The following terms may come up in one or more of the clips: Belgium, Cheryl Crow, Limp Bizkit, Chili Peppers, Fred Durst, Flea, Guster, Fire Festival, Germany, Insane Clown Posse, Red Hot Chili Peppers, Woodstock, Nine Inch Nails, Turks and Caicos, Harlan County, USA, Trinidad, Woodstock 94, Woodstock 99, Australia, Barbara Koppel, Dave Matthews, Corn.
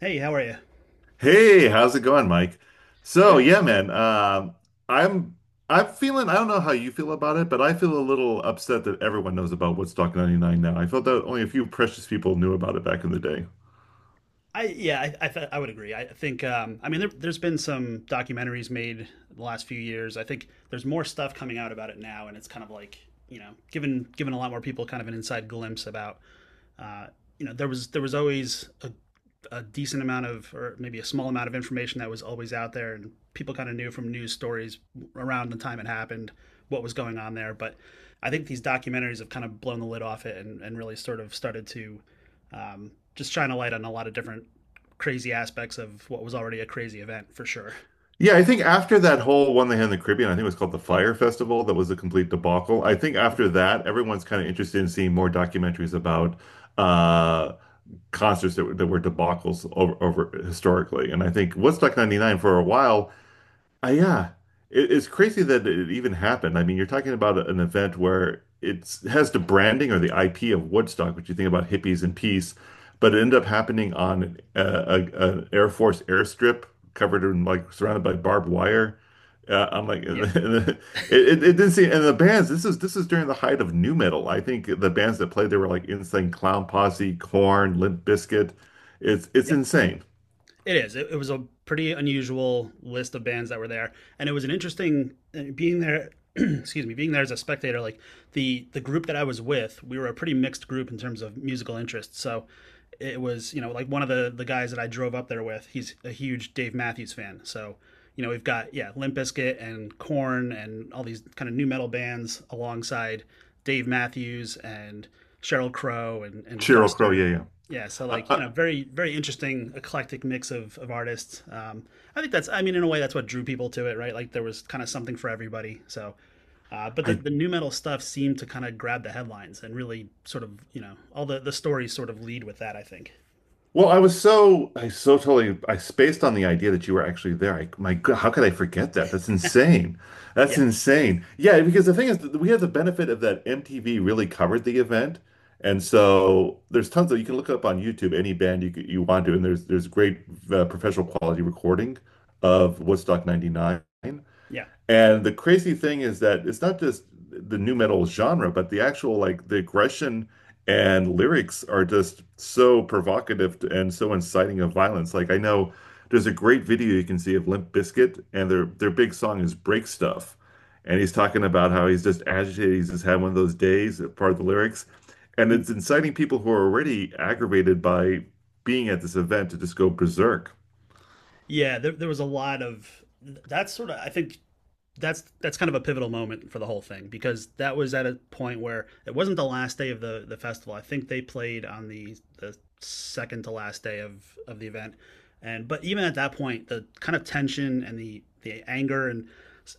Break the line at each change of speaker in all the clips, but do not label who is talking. Hey, how are you?
Hey, how's it going, Mike? So, yeah, man, um, I'm I'm feeling. I don't know how you feel about it, but I feel a little upset that everyone knows about Woodstock 99 now. I felt that only a few precious people knew about it back in the day.
I Yeah, I would agree. I think I mean there's been some documentaries made the last few years. I think there's more stuff coming out about it now, and it's kind of like, given a lot more people kind of an inside glimpse about uh, there was always a decent amount of, or maybe a small amount of information that was always out there, and people kind of knew from news stories around the time it happened what was going on there. But I think these documentaries have kind of blown the lid off it, and really sort of started to, just trying to light on a lot of different crazy aspects of what was already a crazy event for sure.
Yeah, I think after that whole one they had in the Caribbean, I think it was called the Fire Festival, that was a complete debacle. I think after that, everyone's kind of interested in seeing more documentaries about uh, concerts that were debacles over historically. And I think Woodstock 99 for a while uh, yeah, it's crazy that it even happened. I mean, you're talking about an event where it has the branding or the IP of Woodstock, which you think about hippies and peace, but it ended up happening on an Air Force airstrip covered in surrounded by barbed wire. I'm like,
Yeah.
it didn't seem, and the bands. This is during the height of new metal. I think the bands that played there were like Insane Clown Posse, Corn, Limp Bizkit. It's
Yep.
insane.
It is. It was a pretty unusual list of bands that were there, and it was an interesting being there. Excuse me, being there as a spectator. Like the group that I was with, we were a pretty mixed group in terms of musical interests. So it was, like one of the guys that I drove up there with. He's a huge Dave Matthews fan. So, we've got, yeah, Limp Bizkit and Corn and all these kind of new metal bands alongside Dave Matthews and Cheryl Crow and
Cheryl Crow,
Guster.
yeah, yeah.
Yeah, so
I,
like,
I,
very, very interesting eclectic mix of artists. I think that's I mean, in a way that's what drew people to it, right, like there was kind of something for everybody. So but the,
I
the new metal stuff seemed to kind of grab the headlines and really sort of, you know, all the stories sort of lead with that, I think.
Well, I was so I so totally I spaced on the idea that you were actually there. I, my God, how could I forget that? That's insane. That's
Yeah.
insane. Yeah, because the thing is that we have the benefit of that MTV really covered the event, and so there's tons of. You can look up on YouTube any band you want to, and there's great professional quality recording of Woodstock '99.
Yeah.
And the crazy thing is that it's not just the new metal genre, but the actual like the aggression and lyrics are just so provocative and so inciting of violence. Like I know there's a great video you can see of Limp Bizkit, and their big song is Break Stuff. And he's talking about how he's just agitated, he's just had one of those days, part of the lyrics. And
Mm.
it's inciting people who are already aggravated by being at this event to just go berserk.
Yeah, there was a lot of, that's sort of, I think, that's kind of a pivotal moment for the whole thing, because that was at a point where it wasn't the last day of the festival. I think they played on the second to last day of the event, and but even at that point, the kind of tension and the anger and,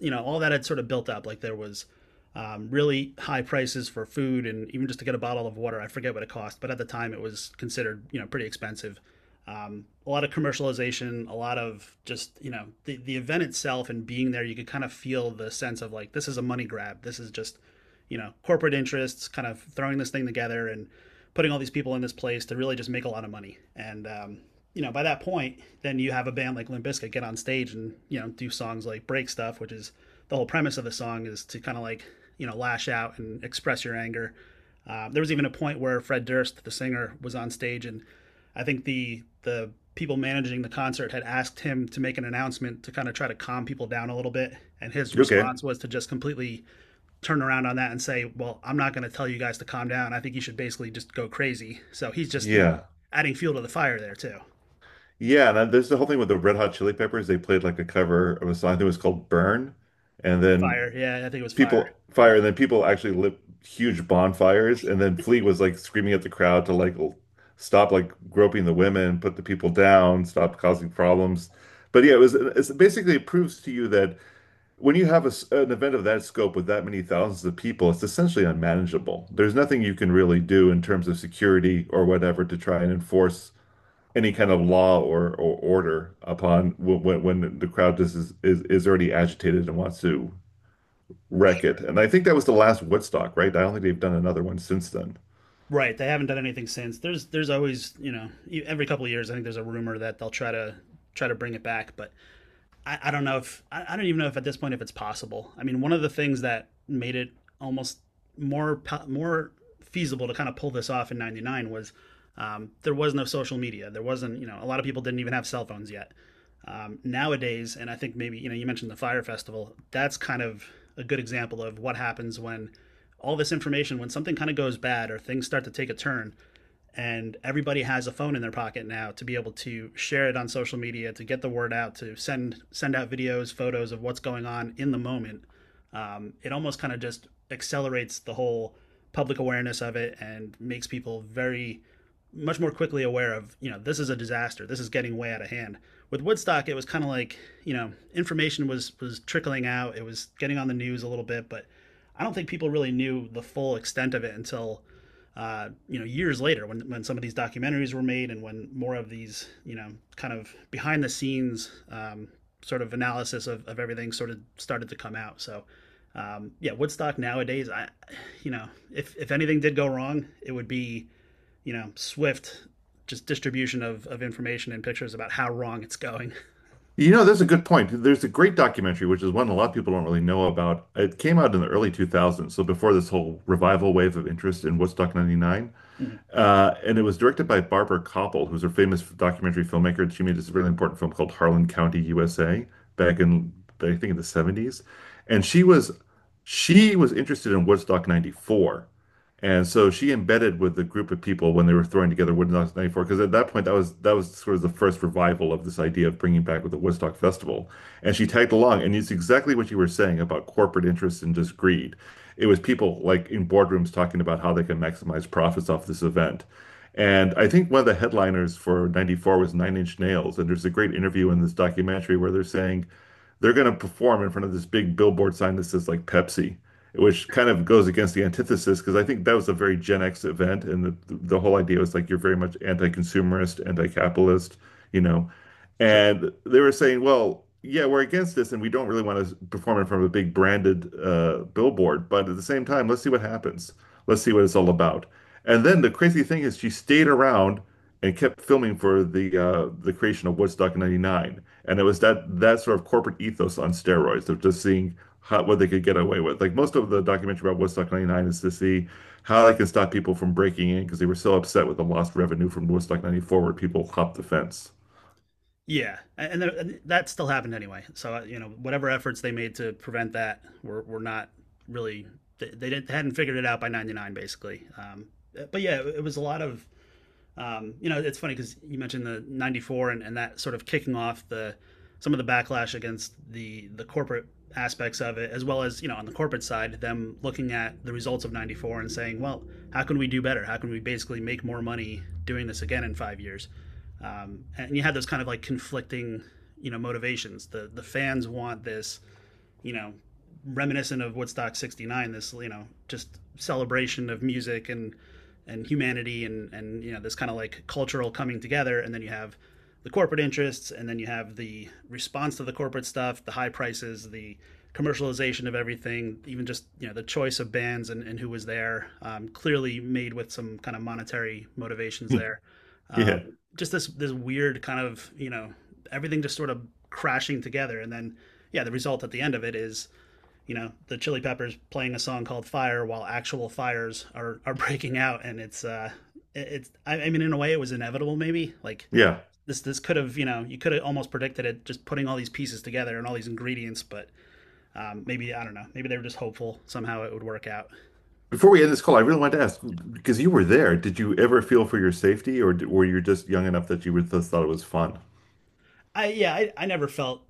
you know, all that had sort of built up. Like there was, really high prices for food and even just to get a bottle of water. I forget what it cost, but at the time it was considered, you know, pretty expensive. A lot of commercialization, a lot of just, you know, the event itself and being there. You could kind of feel the sense of like this is a money grab. This is just, you know, corporate interests kind of throwing this thing together and putting all these people in this place to really just make a lot of money. And you know, by that point, then you have a band like Limp Bizkit get on stage and, you know, do songs like Break Stuff, which is, the whole premise of the song is to kind of like, you know, lash out and express your anger. There was even a point where Fred Durst, the singer, was on stage, and I think the people managing the concert had asked him to make an announcement to kind of try to calm people down a little bit, and his
Okay.
response was to just completely turn around on that and say, well, I'm not going to tell you guys to calm down, I think you should basically just go crazy. So he's just, you know,
Yeah.
adding fuel to the fire there too.
Yeah, and then there's the whole thing with the Red Hot Chili Peppers. They played like a cover of a song. I think it was called Burn. And then
Fire, yeah, I think it was Fire.
people
Yeah.
fire, and then people actually lit huge bonfires. And then Flea was like screaming at the crowd to stop like groping the women, put the people down, stop causing problems. But yeah, it's basically it proves to you that when you have a s an event of that scope with that many thousands of people, it's essentially unmanageable. There's nothing you can really do in terms of security or whatever to try and enforce any kind of law or order upon when the crowd just is already agitated and wants to wreck it. And I think that was the last Woodstock, right? I don't think they've done another one since then.
Right, they haven't done anything since. There's always, you know, every couple of years, I think there's a rumor that they'll try to bring it back, but I don't know if I don't even know if, at this point, if it's possible. I mean, one of the things that made it almost more more feasible to kind of pull this off in '99 was, there was no social media. There wasn't, you know, a lot of people didn't even have cell phones yet. Nowadays, and I think maybe, you know, you mentioned the Fire Festival. That's kind of a good example of what happens when all this information, when something kind of goes bad or things start to take a turn, and everybody has a phone in their pocket now to be able to share it on social media, to get the word out, to send out videos, photos of what's going on in the moment. It almost kind of just accelerates the whole public awareness of it, and makes people very much more quickly aware of, you know, this is a disaster, this is getting way out of hand. With Woodstock, it was kind of like, you know, information was trickling out, it was getting on the news a little bit, but I don't think people really knew the full extent of it until, you know, years later, when some of these documentaries were made, and when more of these, you know, kind of behind the scenes, sort of analysis of everything sort of started to come out. So, yeah, Woodstock nowadays, I, you know, if anything did go wrong, it would be, you know, swift just distribution of information and pictures about how wrong it's going.
You know, that's a good point. There's a great documentary, which is one a lot of people don't really know about. It came out in the early 2000s, so before this whole revival wave of interest in Woodstock 99. And it was directed by Barbara Koppel, who's a famous documentary filmmaker. She made this really important film called Harlan County, USA, back in I think in the 70s. And she was interested in Woodstock 94. And so she embedded with the group of people when they were throwing together Woodstock 94, because at that point that was sort of the first revival of this idea of bringing back with the Woodstock Festival. And she tagged along, and it's exactly what you were saying about corporate interests and just greed. It was people like in boardrooms talking about how they can maximize profits off this event. And I think one of the headliners for 94 was Nine Inch Nails. And there's a great interview in this documentary where they're saying they're going to perform in front of this big billboard sign that says like Pepsi, which kind of goes against the antithesis because I think that was a very Gen X event. And the whole idea was like you're very much anti consumerist, anti capitalist, you know,
Sure.
and they were saying, well, yeah, we're against this and we don't really want to perform in front of a big branded billboard. But at the same time, let's see what happens. Let's see what it's all about. And then the crazy thing is, she stayed around and kept filming for the creation of Woodstock in '99. And it was that sort of corporate ethos on steroids of just seeing how, what they could get away with. Like most of the documentary about Woodstock '99 is to see how they can stop people from breaking in because they were so upset with the lost revenue from Woodstock '94 where people hopped the fence.
Yeah, and that still happened anyway. So, you know, whatever efforts they made to prevent that were not really, they didn't, hadn't figured it out by '99 basically. But yeah, it was a lot of, you know, it's funny because you mentioned the '94, and that sort of kicking off the, some of the backlash against the corporate aspects of it, as well as, you know, on the corporate side, them looking at the results of '94 and saying, well, how can we do better? How can we basically make more money doing this again in 5 years? And you had those kind of like conflicting, you know, motivations. The fans want this, you know, reminiscent of Woodstock 69, this, you know, just celebration of music and, humanity, and, you know, this kind of like cultural coming together. And then you have the corporate interests, and then you have the response to the corporate stuff, the high prices, the commercialization of everything, even just, you know, the choice of bands and, who was there, clearly made with some kind of monetary motivations there. Um,
Yeah.
just this weird kind of, you know, everything just sort of crashing together. And then, yeah, the result at the end of it is, you know, the Chili Peppers playing a song called Fire while actual fires are breaking out. And it's, I mean, in a way it was inevitable, maybe like
Yeah.
this could have, you know, you could have almost predicted it, just putting all these pieces together and all these ingredients. But, maybe, I don't know, maybe they were just hopeful somehow it would work out.
Before we end this call, I really wanted to ask because you were there, did you ever feel for your safety, or were you just young enough that just thought it was fun?
I Yeah, I never felt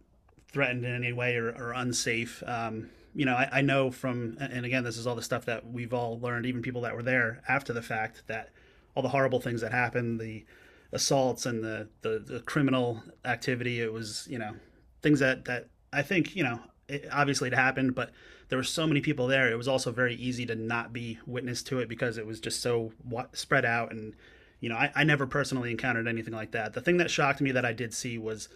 threatened in any way, or unsafe. You know, I know from, and again, this is all the stuff that we've all learned, even people that were there after the fact, that all the horrible things that happened, the assaults and the criminal activity, it was, you know, things that I think, you know, obviously it happened, but there were so many people there. It was also very easy to not be witness to it, because it was just so spread out. And, you know, I never personally encountered anything like that. The thing that shocked me that I did see was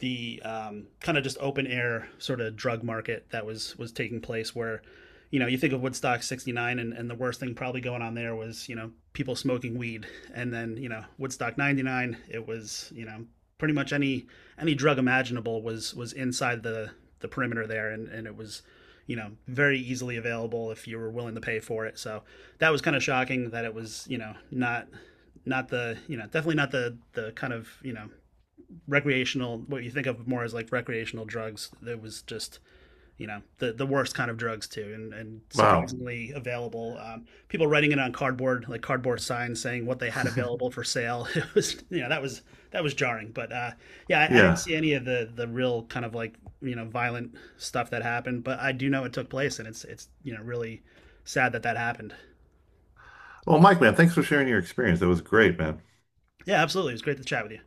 the, kind of just open air sort of drug market that was taking place, where, you know, you think of Woodstock 69, and the worst thing probably going on there was, you know, people smoking weed. And then, you know, Woodstock 99, it was, you know, pretty much any drug imaginable was inside the perimeter there, and it was, you know, very easily available if you were willing to pay for it. So that was kind of shocking, that it was, you know, not the, you know, definitely not the kind of, you know, recreational, what you think of more as like recreational drugs. There was just, you know, the worst kind of drugs too, and
Wow.
surprisingly available. People writing it on cardboard, like cardboard signs saying what they had available for sale. It was, you know, that was, that was jarring. But yeah, I didn't
Yeah.
see any of the real kind of like, you know, violent stuff that happened, but I do know it took place, and it's you know, really sad that that happened.
Well, Mike, man, thanks for sharing your experience. That was great, man.
Yeah, absolutely. It was great to chat with you.